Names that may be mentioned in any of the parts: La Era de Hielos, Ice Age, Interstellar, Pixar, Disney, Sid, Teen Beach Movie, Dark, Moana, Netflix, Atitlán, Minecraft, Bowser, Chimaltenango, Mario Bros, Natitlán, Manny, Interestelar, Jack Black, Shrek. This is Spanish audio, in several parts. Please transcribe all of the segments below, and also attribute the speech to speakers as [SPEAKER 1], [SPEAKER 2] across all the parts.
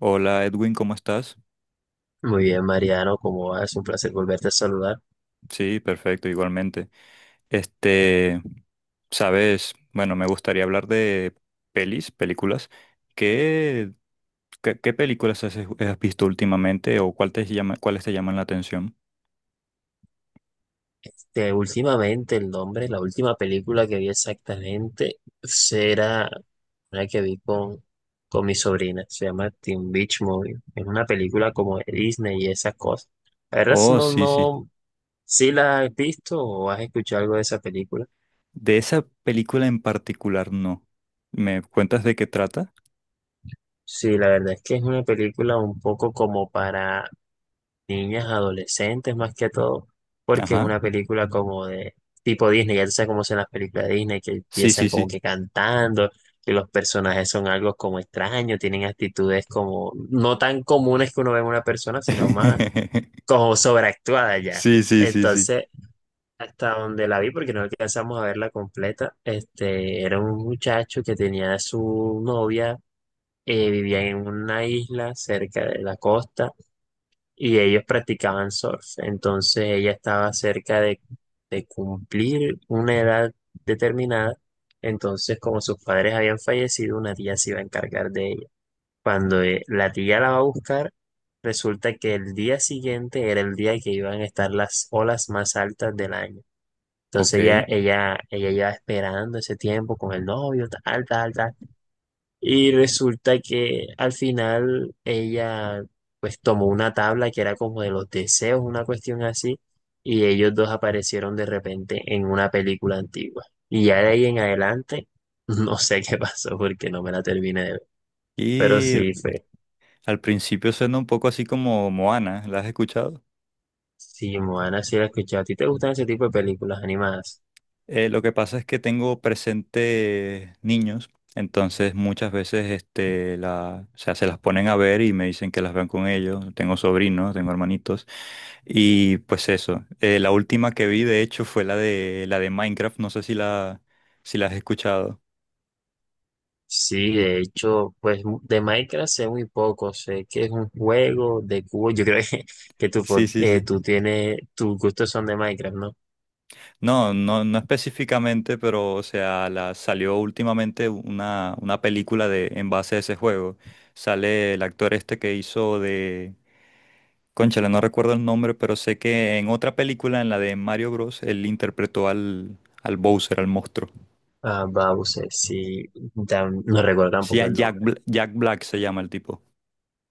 [SPEAKER 1] Hola Edwin, ¿cómo estás?
[SPEAKER 2] Muy bien, Mariano, ¿cómo vas? Un placer volverte a saludar.
[SPEAKER 1] Sí, perfecto, igualmente. Este, sabes, bueno, me gustaría hablar de pelis, películas. ¿Qué, qué películas has visto últimamente o cuál te llama, ¿cuáles te llaman la atención?
[SPEAKER 2] Últimamente el nombre, la última película que vi exactamente será una que vi con mi sobrina. Se llama Teen Beach Movie. Es una película como de Disney y esas cosas. La verdad es
[SPEAKER 1] Oh,
[SPEAKER 2] no,
[SPEAKER 1] sí, sí.
[SPEAKER 2] no, si la has visto o has escuchado algo de esa película.
[SPEAKER 1] De esa película en particular, no. ¿Me cuentas de qué trata?
[SPEAKER 2] Sí, la verdad es que es una película un poco como para niñas, adolescentes más que todo, porque es
[SPEAKER 1] Ajá.
[SPEAKER 2] una película como de tipo Disney, ya tú sabes cómo son las películas de Disney, que
[SPEAKER 1] Sí,
[SPEAKER 2] empiezan
[SPEAKER 1] sí,
[SPEAKER 2] como
[SPEAKER 1] sí.
[SPEAKER 2] que cantando, que los personajes son algo como extraños, tienen actitudes como no tan comunes que uno ve en una persona, sino más como sobreactuada ya.
[SPEAKER 1] Sí, sí, sí, sí.
[SPEAKER 2] Entonces, hasta donde la vi, porque no alcanzamos a verla completa, este, era un muchacho que tenía a su novia, vivía en una isla cerca de la costa y ellos practicaban surf. Entonces ella estaba cerca de cumplir una edad determinada. Entonces, como sus padres habían fallecido, una tía se iba a encargar de ella. Cuando la tía la va a buscar, resulta que el día siguiente era el día que iban a estar las olas más altas del año.
[SPEAKER 1] Ok.
[SPEAKER 2] Entonces ella lleva esperando ese tiempo con el novio, tal, tal, tal. Y resulta que al final ella pues tomó una tabla que era como de los deseos, una cuestión así, y ellos dos aparecieron de repente en una película antigua. Y ya de ahí en adelante, no sé qué pasó porque no me la terminé de ver. Pero
[SPEAKER 1] Y
[SPEAKER 2] sí fue.
[SPEAKER 1] al principio suena un poco así como Moana, ¿la has escuchado?
[SPEAKER 2] Sí, Moana, sí la he escuchado. ¿A ti te gustan ese tipo de películas animadas?
[SPEAKER 1] Lo que pasa es que tengo presente niños, entonces muchas veces o sea, se las ponen a ver y me dicen que las vean con ellos. Tengo sobrinos, tengo hermanitos. Y pues eso. La última que vi, de hecho, fue la de Minecraft. No sé si si la has escuchado.
[SPEAKER 2] Sí, de hecho, pues de Minecraft sé muy poco. Sé que es un juego de cubo. Yo creo que tú,
[SPEAKER 1] Sí, sí, sí.
[SPEAKER 2] tú tienes, tus gustos son de Minecraft, ¿no?
[SPEAKER 1] No, no, no específicamente, pero o sea, salió últimamente una película de, en base a ese juego. Sale el actor este que hizo de Cónchale, no recuerdo el nombre, pero sé que en otra película, en la de Mario Bros, él interpretó al Bowser, al monstruo.
[SPEAKER 2] Ah, Bowser, sí, ya no recuerdo
[SPEAKER 1] Sí, a
[SPEAKER 2] tampoco el nombre.
[SPEAKER 1] Jack Black se llama el tipo.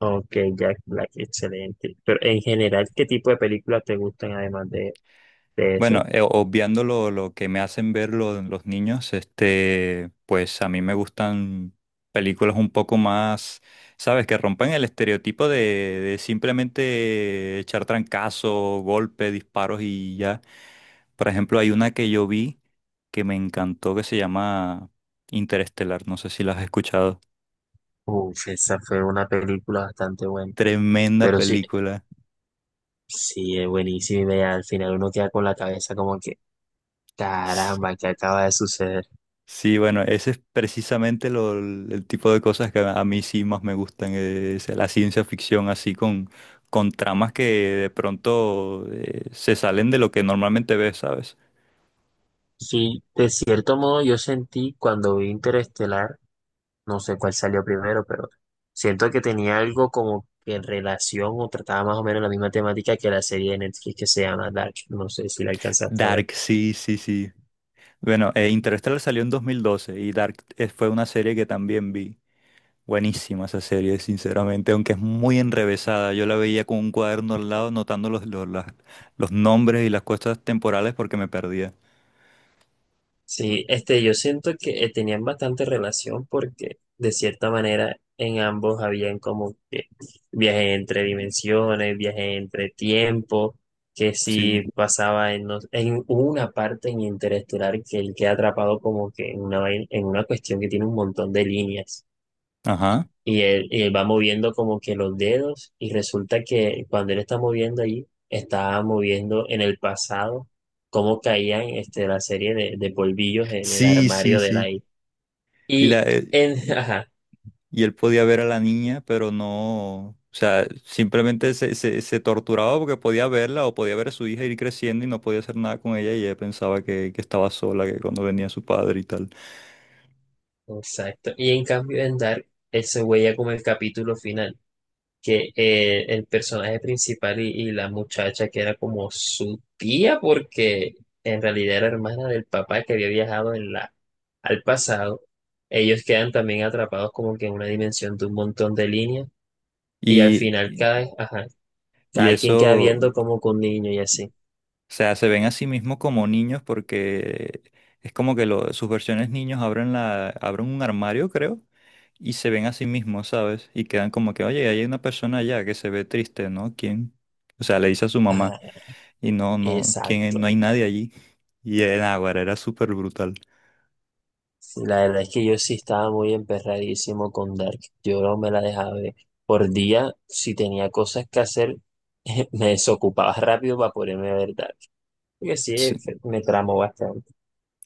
[SPEAKER 2] Ok, Jack Black, excelente. Pero en general, ¿qué tipo de películas te gustan además de esa?
[SPEAKER 1] Bueno, obviando lo que me hacen ver los niños, pues a mí me gustan películas un poco más, ¿sabes? Que rompan el estereotipo de simplemente echar trancazo, golpe, disparos y ya. Por ejemplo, hay una que yo vi que me encantó que se llama Interestelar, no sé si la has escuchado.
[SPEAKER 2] Uf, esa fue una película bastante buena.
[SPEAKER 1] Tremenda
[SPEAKER 2] Pero sí,
[SPEAKER 1] película.
[SPEAKER 2] sí, es buenísima y vea, al final uno queda con la cabeza como que, caramba, ¿qué acaba de suceder?
[SPEAKER 1] Sí, bueno, ese es precisamente el tipo de cosas que a mí sí más me gustan, es la ciencia ficción así con tramas que de pronto se salen de lo que normalmente ves, ¿sabes?
[SPEAKER 2] Sí, de cierto modo yo sentí cuando vi Interestelar. No sé cuál salió primero, pero siento que tenía algo como que en relación o trataba más o menos la misma temática que la serie de Netflix que se llama Dark. No sé si la alcanzaste a ver.
[SPEAKER 1] Dark, sí, sí, sí. Bueno, Interstellar salió en 2012 y Dark fue una serie que también vi. Buenísima esa serie, sinceramente, aunque es muy enrevesada. Yo la veía con un cuaderno al lado, notando los nombres y las cosas temporales porque me perdía.
[SPEAKER 2] Sí, este, yo siento que tenían bastante relación porque de cierta manera en ambos habían como que viaje entre dimensiones, viaje entre tiempo, que
[SPEAKER 1] Sí,
[SPEAKER 2] si pasaba en, no- en hubo una parte en Interestelar que él queda atrapado como que en una, en una cuestión que tiene un montón de líneas.
[SPEAKER 1] ajá.
[SPEAKER 2] Y él va moviendo como que los dedos y resulta que cuando él está moviendo ahí, está moviendo en el pasado cómo caían este, la serie de polvillos en el
[SPEAKER 1] Sí, sí,
[SPEAKER 2] armario de la
[SPEAKER 1] sí.
[SPEAKER 2] I.
[SPEAKER 1] Y,
[SPEAKER 2] Y
[SPEAKER 1] la, eh,
[SPEAKER 2] en,
[SPEAKER 1] y,
[SPEAKER 2] ajá,
[SPEAKER 1] y él podía ver a la niña, pero no, o sea, simplemente se torturaba porque podía verla o podía ver a su hija ir creciendo y no podía hacer nada con ella y ella pensaba que estaba sola, que cuando venía su padre y tal.
[SPEAKER 2] exacto. Y en cambio en Dark, él se huella como el capítulo final, que el personaje principal y la muchacha que era como su tía, porque en realidad era hermana del papá que había viajado en la, al pasado, ellos quedan también atrapados como que en una dimensión de un montón de líneas y al
[SPEAKER 1] Y,
[SPEAKER 2] final
[SPEAKER 1] y
[SPEAKER 2] cada, ajá, cada quien queda
[SPEAKER 1] eso,
[SPEAKER 2] viendo
[SPEAKER 1] o
[SPEAKER 2] como con un niño y así.
[SPEAKER 1] sea, se ven a sí mismos como niños porque es como que sus versiones niños abren, abren un armario, creo. Y se ven a sí mismos, ¿sabes? Y quedan como que, oye, hay una persona allá que se ve triste, ¿no? ¿Quién? O sea, le dice a su mamá.
[SPEAKER 2] Ah,
[SPEAKER 1] Y no, no, ¿quién? No
[SPEAKER 2] exacto.
[SPEAKER 1] hay nadie allí. Y el Águara era súper brutal.
[SPEAKER 2] Sí, la verdad es que yo sí estaba muy emperradísimo con Dark. Yo no me la dejaba ver. Por día, si tenía cosas que hacer, me desocupaba rápido para ponerme a ver Dark. Porque sí,
[SPEAKER 1] Sí.
[SPEAKER 2] me tramó bastante.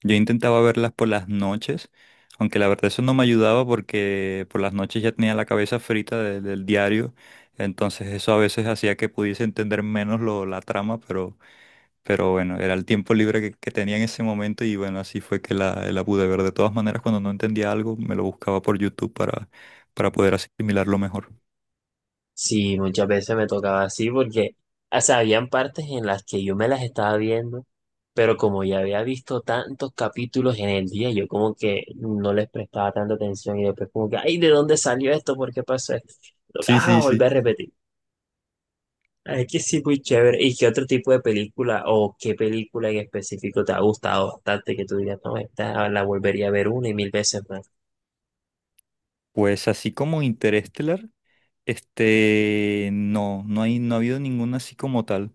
[SPEAKER 1] Yo intentaba verlas por las noches, aunque la verdad eso no me ayudaba porque por las noches ya tenía la cabeza frita del diario, entonces eso a veces hacía que pudiese entender menos la trama, pero bueno, era el tiempo libre que tenía en ese momento y bueno, así fue que la pude ver. De todas maneras, cuando no entendía algo, me lo buscaba por YouTube para poder asimilarlo mejor.
[SPEAKER 2] Sí, muchas veces me tocaba así porque, o sea, habían partes en las que yo me las estaba viendo, pero como ya había visto tantos capítulos en el día, yo como que no les prestaba tanta atención y después como que, ay, ¿de dónde salió esto? ¿Por qué pasó esto?
[SPEAKER 1] Sí,
[SPEAKER 2] Tocaba
[SPEAKER 1] sí,
[SPEAKER 2] volver
[SPEAKER 1] sí.
[SPEAKER 2] a repetir. Ay, que sí, muy chévere. ¿Y qué otro tipo de película o qué película en específico te ha gustado bastante que tú digas, no, esta la volvería a ver una y mil veces más?
[SPEAKER 1] Pues así como Interestelar. No, no ha habido ninguna así como tal.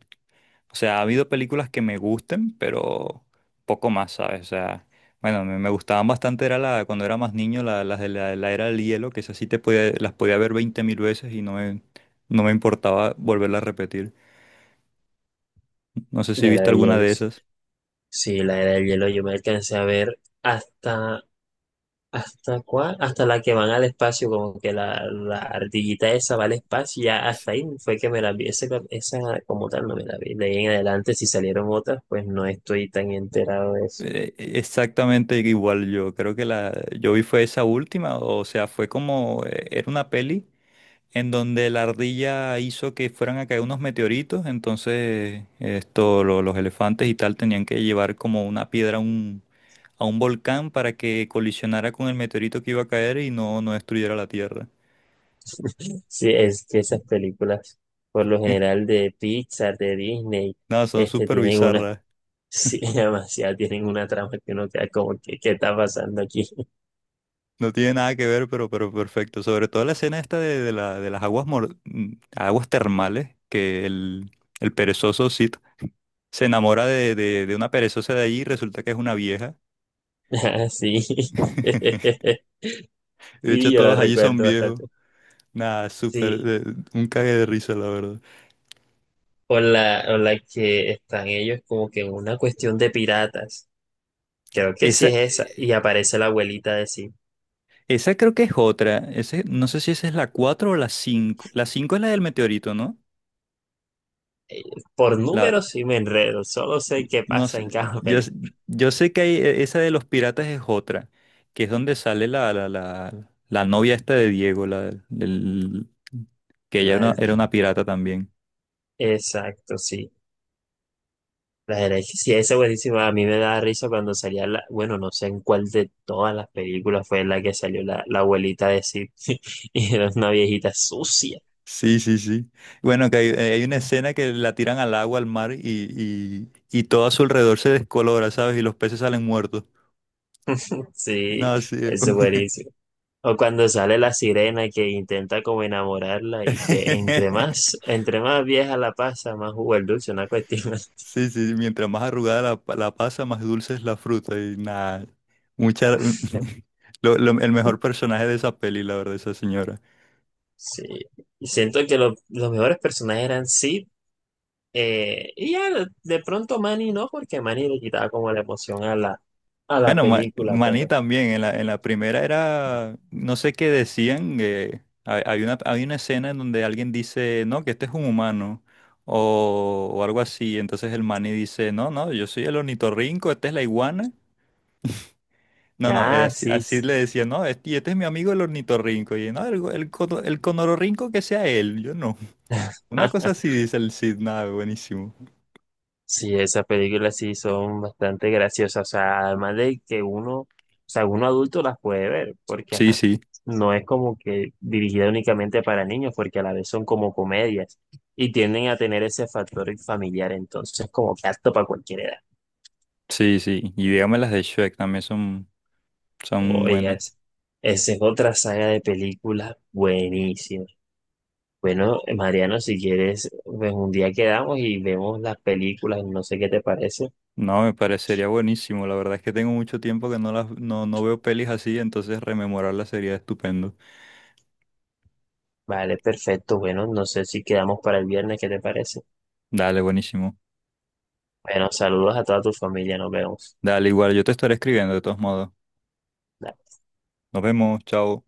[SPEAKER 1] O sea, ha habido películas que me gusten, pero poco más, ¿sabes? O sea, bueno, me gustaban bastante, era cuando era más niño, la, las de la, la era del hielo, que esas sí te podía, las podía ver 20 mil veces y no me, no me importaba volverla a repetir. No sé si
[SPEAKER 2] La Era
[SPEAKER 1] viste
[SPEAKER 2] de
[SPEAKER 1] alguna de
[SPEAKER 2] Hielos.
[SPEAKER 1] esas.
[SPEAKER 2] Sí, la Era de Hielo yo me alcancé a ver hasta, ¿hasta cuál? Hasta la que van al espacio, como que la ardillita esa va al espacio, y ya hasta ahí fue que me la vi. Esa como tal no me la vi. De ahí en adelante, si salieron otras, pues no estoy tan enterado de eso.
[SPEAKER 1] Exactamente igual yo, creo que la yo vi fue esa última, o sea, fue como, era una peli en donde la ardilla hizo que fueran a caer unos meteoritos, entonces esto, los elefantes y tal tenían que llevar como una piedra a a un volcán para que colisionara con el meteorito que iba a caer y no, no destruyera la Tierra.
[SPEAKER 2] Sí, es que esas películas, por lo general de Pixar, de Disney,
[SPEAKER 1] Nada, son
[SPEAKER 2] este,
[SPEAKER 1] súper
[SPEAKER 2] tienen una,
[SPEAKER 1] bizarras.
[SPEAKER 2] sí, demasiado, tienen una trama que uno queda como, que ¿qué está pasando aquí?
[SPEAKER 1] No tiene nada que ver, pero perfecto. Sobre todo la escena esta de las aguas termales, que el perezoso Sid se enamora de una perezosa de allí y resulta que es una vieja.
[SPEAKER 2] Ah, sí,
[SPEAKER 1] De
[SPEAKER 2] sí,
[SPEAKER 1] hecho,
[SPEAKER 2] yo la
[SPEAKER 1] todos allí son
[SPEAKER 2] recuerdo
[SPEAKER 1] viejos.
[SPEAKER 2] bastante.
[SPEAKER 1] Nada, súper,
[SPEAKER 2] Sí,
[SPEAKER 1] un cague de risa, la verdad.
[SPEAKER 2] o la que están ellos como que en una cuestión de piratas, creo que
[SPEAKER 1] Esa,
[SPEAKER 2] sí es esa,
[SPEAKER 1] eh,
[SPEAKER 2] y aparece la abuelita de sí.
[SPEAKER 1] esa creo que es otra. Ese, no sé si esa es la 4 o la cinco. La 5 es la del meteorito, ¿no?
[SPEAKER 2] Por
[SPEAKER 1] La,
[SPEAKER 2] números sí me enredo, solo sé qué
[SPEAKER 1] no
[SPEAKER 2] pasa en
[SPEAKER 1] sé,
[SPEAKER 2] cada
[SPEAKER 1] yo, s-
[SPEAKER 2] película.
[SPEAKER 1] yo sé que hay, esa de los piratas es otra, que es donde sale la novia esta de Diego, que ella era una pirata también.
[SPEAKER 2] Exacto, sí. La herencia, sí, esa es buenísima. A mí me da risa cuando salía la, bueno, no sé en cuál de todas las películas fue la que salió la abuelita de Sid y era una viejita sucia.
[SPEAKER 1] Sí, sí, sí. Bueno, que hay, hay una escena que la tiran al agua, al mar, y todo a su alrededor se descolora, ¿sabes? Y los peces salen muertos.
[SPEAKER 2] Sí,
[SPEAKER 1] No, sí.
[SPEAKER 2] eso es buenísimo. O cuando sale la sirena que intenta como enamorarla y que entre más vieja la pasa, más jugo el dulce, una cuestión así.
[SPEAKER 1] Sí, sí, mientras más arrugada la pasa, más dulce es la fruta. Y nada, mucha... el mejor personaje de esa peli, la verdad, esa señora.
[SPEAKER 2] Sí. Y siento que los mejores personajes eran Sid y ya de pronto Manny no, porque Manny le quitaba como la emoción a a la
[SPEAKER 1] Bueno,
[SPEAKER 2] película,
[SPEAKER 1] Manny
[SPEAKER 2] pero.
[SPEAKER 1] también, en en la primera era, no sé qué decían, hay, hay una escena en donde alguien dice, no, que este es un humano, o algo así. Entonces el Manny dice, no, no, yo soy el ornitorrinco, esta es la iguana. No, no,
[SPEAKER 2] Ah,
[SPEAKER 1] así,
[SPEAKER 2] sí.
[SPEAKER 1] así le decía, no, este, y este es mi amigo el ornitorrinco. Y no, el conororrinco que sea él, yo no. Una cosa así dice el Cid, nada, buenísimo.
[SPEAKER 2] Sí, esas películas sí son bastante graciosas. O sea, además de que uno, o sea, uno adulto las puede ver, porque
[SPEAKER 1] Sí,
[SPEAKER 2] ajá,
[SPEAKER 1] sí,
[SPEAKER 2] no es como que dirigida únicamente para niños, porque a la vez son como comedias y tienden a tener ese factor familiar, entonces como que apto para cualquier edad.
[SPEAKER 1] sí, sí. Y dígame las de Shrek también son
[SPEAKER 2] Oye,
[SPEAKER 1] buenas.
[SPEAKER 2] esa es otra saga de películas buenísima. Bueno, Mariano, si quieres, pues un día quedamos y vemos las películas, no sé qué te parece.
[SPEAKER 1] No, me parecería buenísimo. La verdad es que tengo mucho tiempo que no las, no, no veo pelis así, entonces rememorarlas sería estupendo.
[SPEAKER 2] Vale, perfecto. Bueno, no sé si quedamos para el viernes, ¿qué te parece?
[SPEAKER 1] Dale, buenísimo.
[SPEAKER 2] Bueno, saludos a toda tu familia, nos vemos.
[SPEAKER 1] Dale, igual, yo te estaré escribiendo de todos modos. Nos vemos, chao.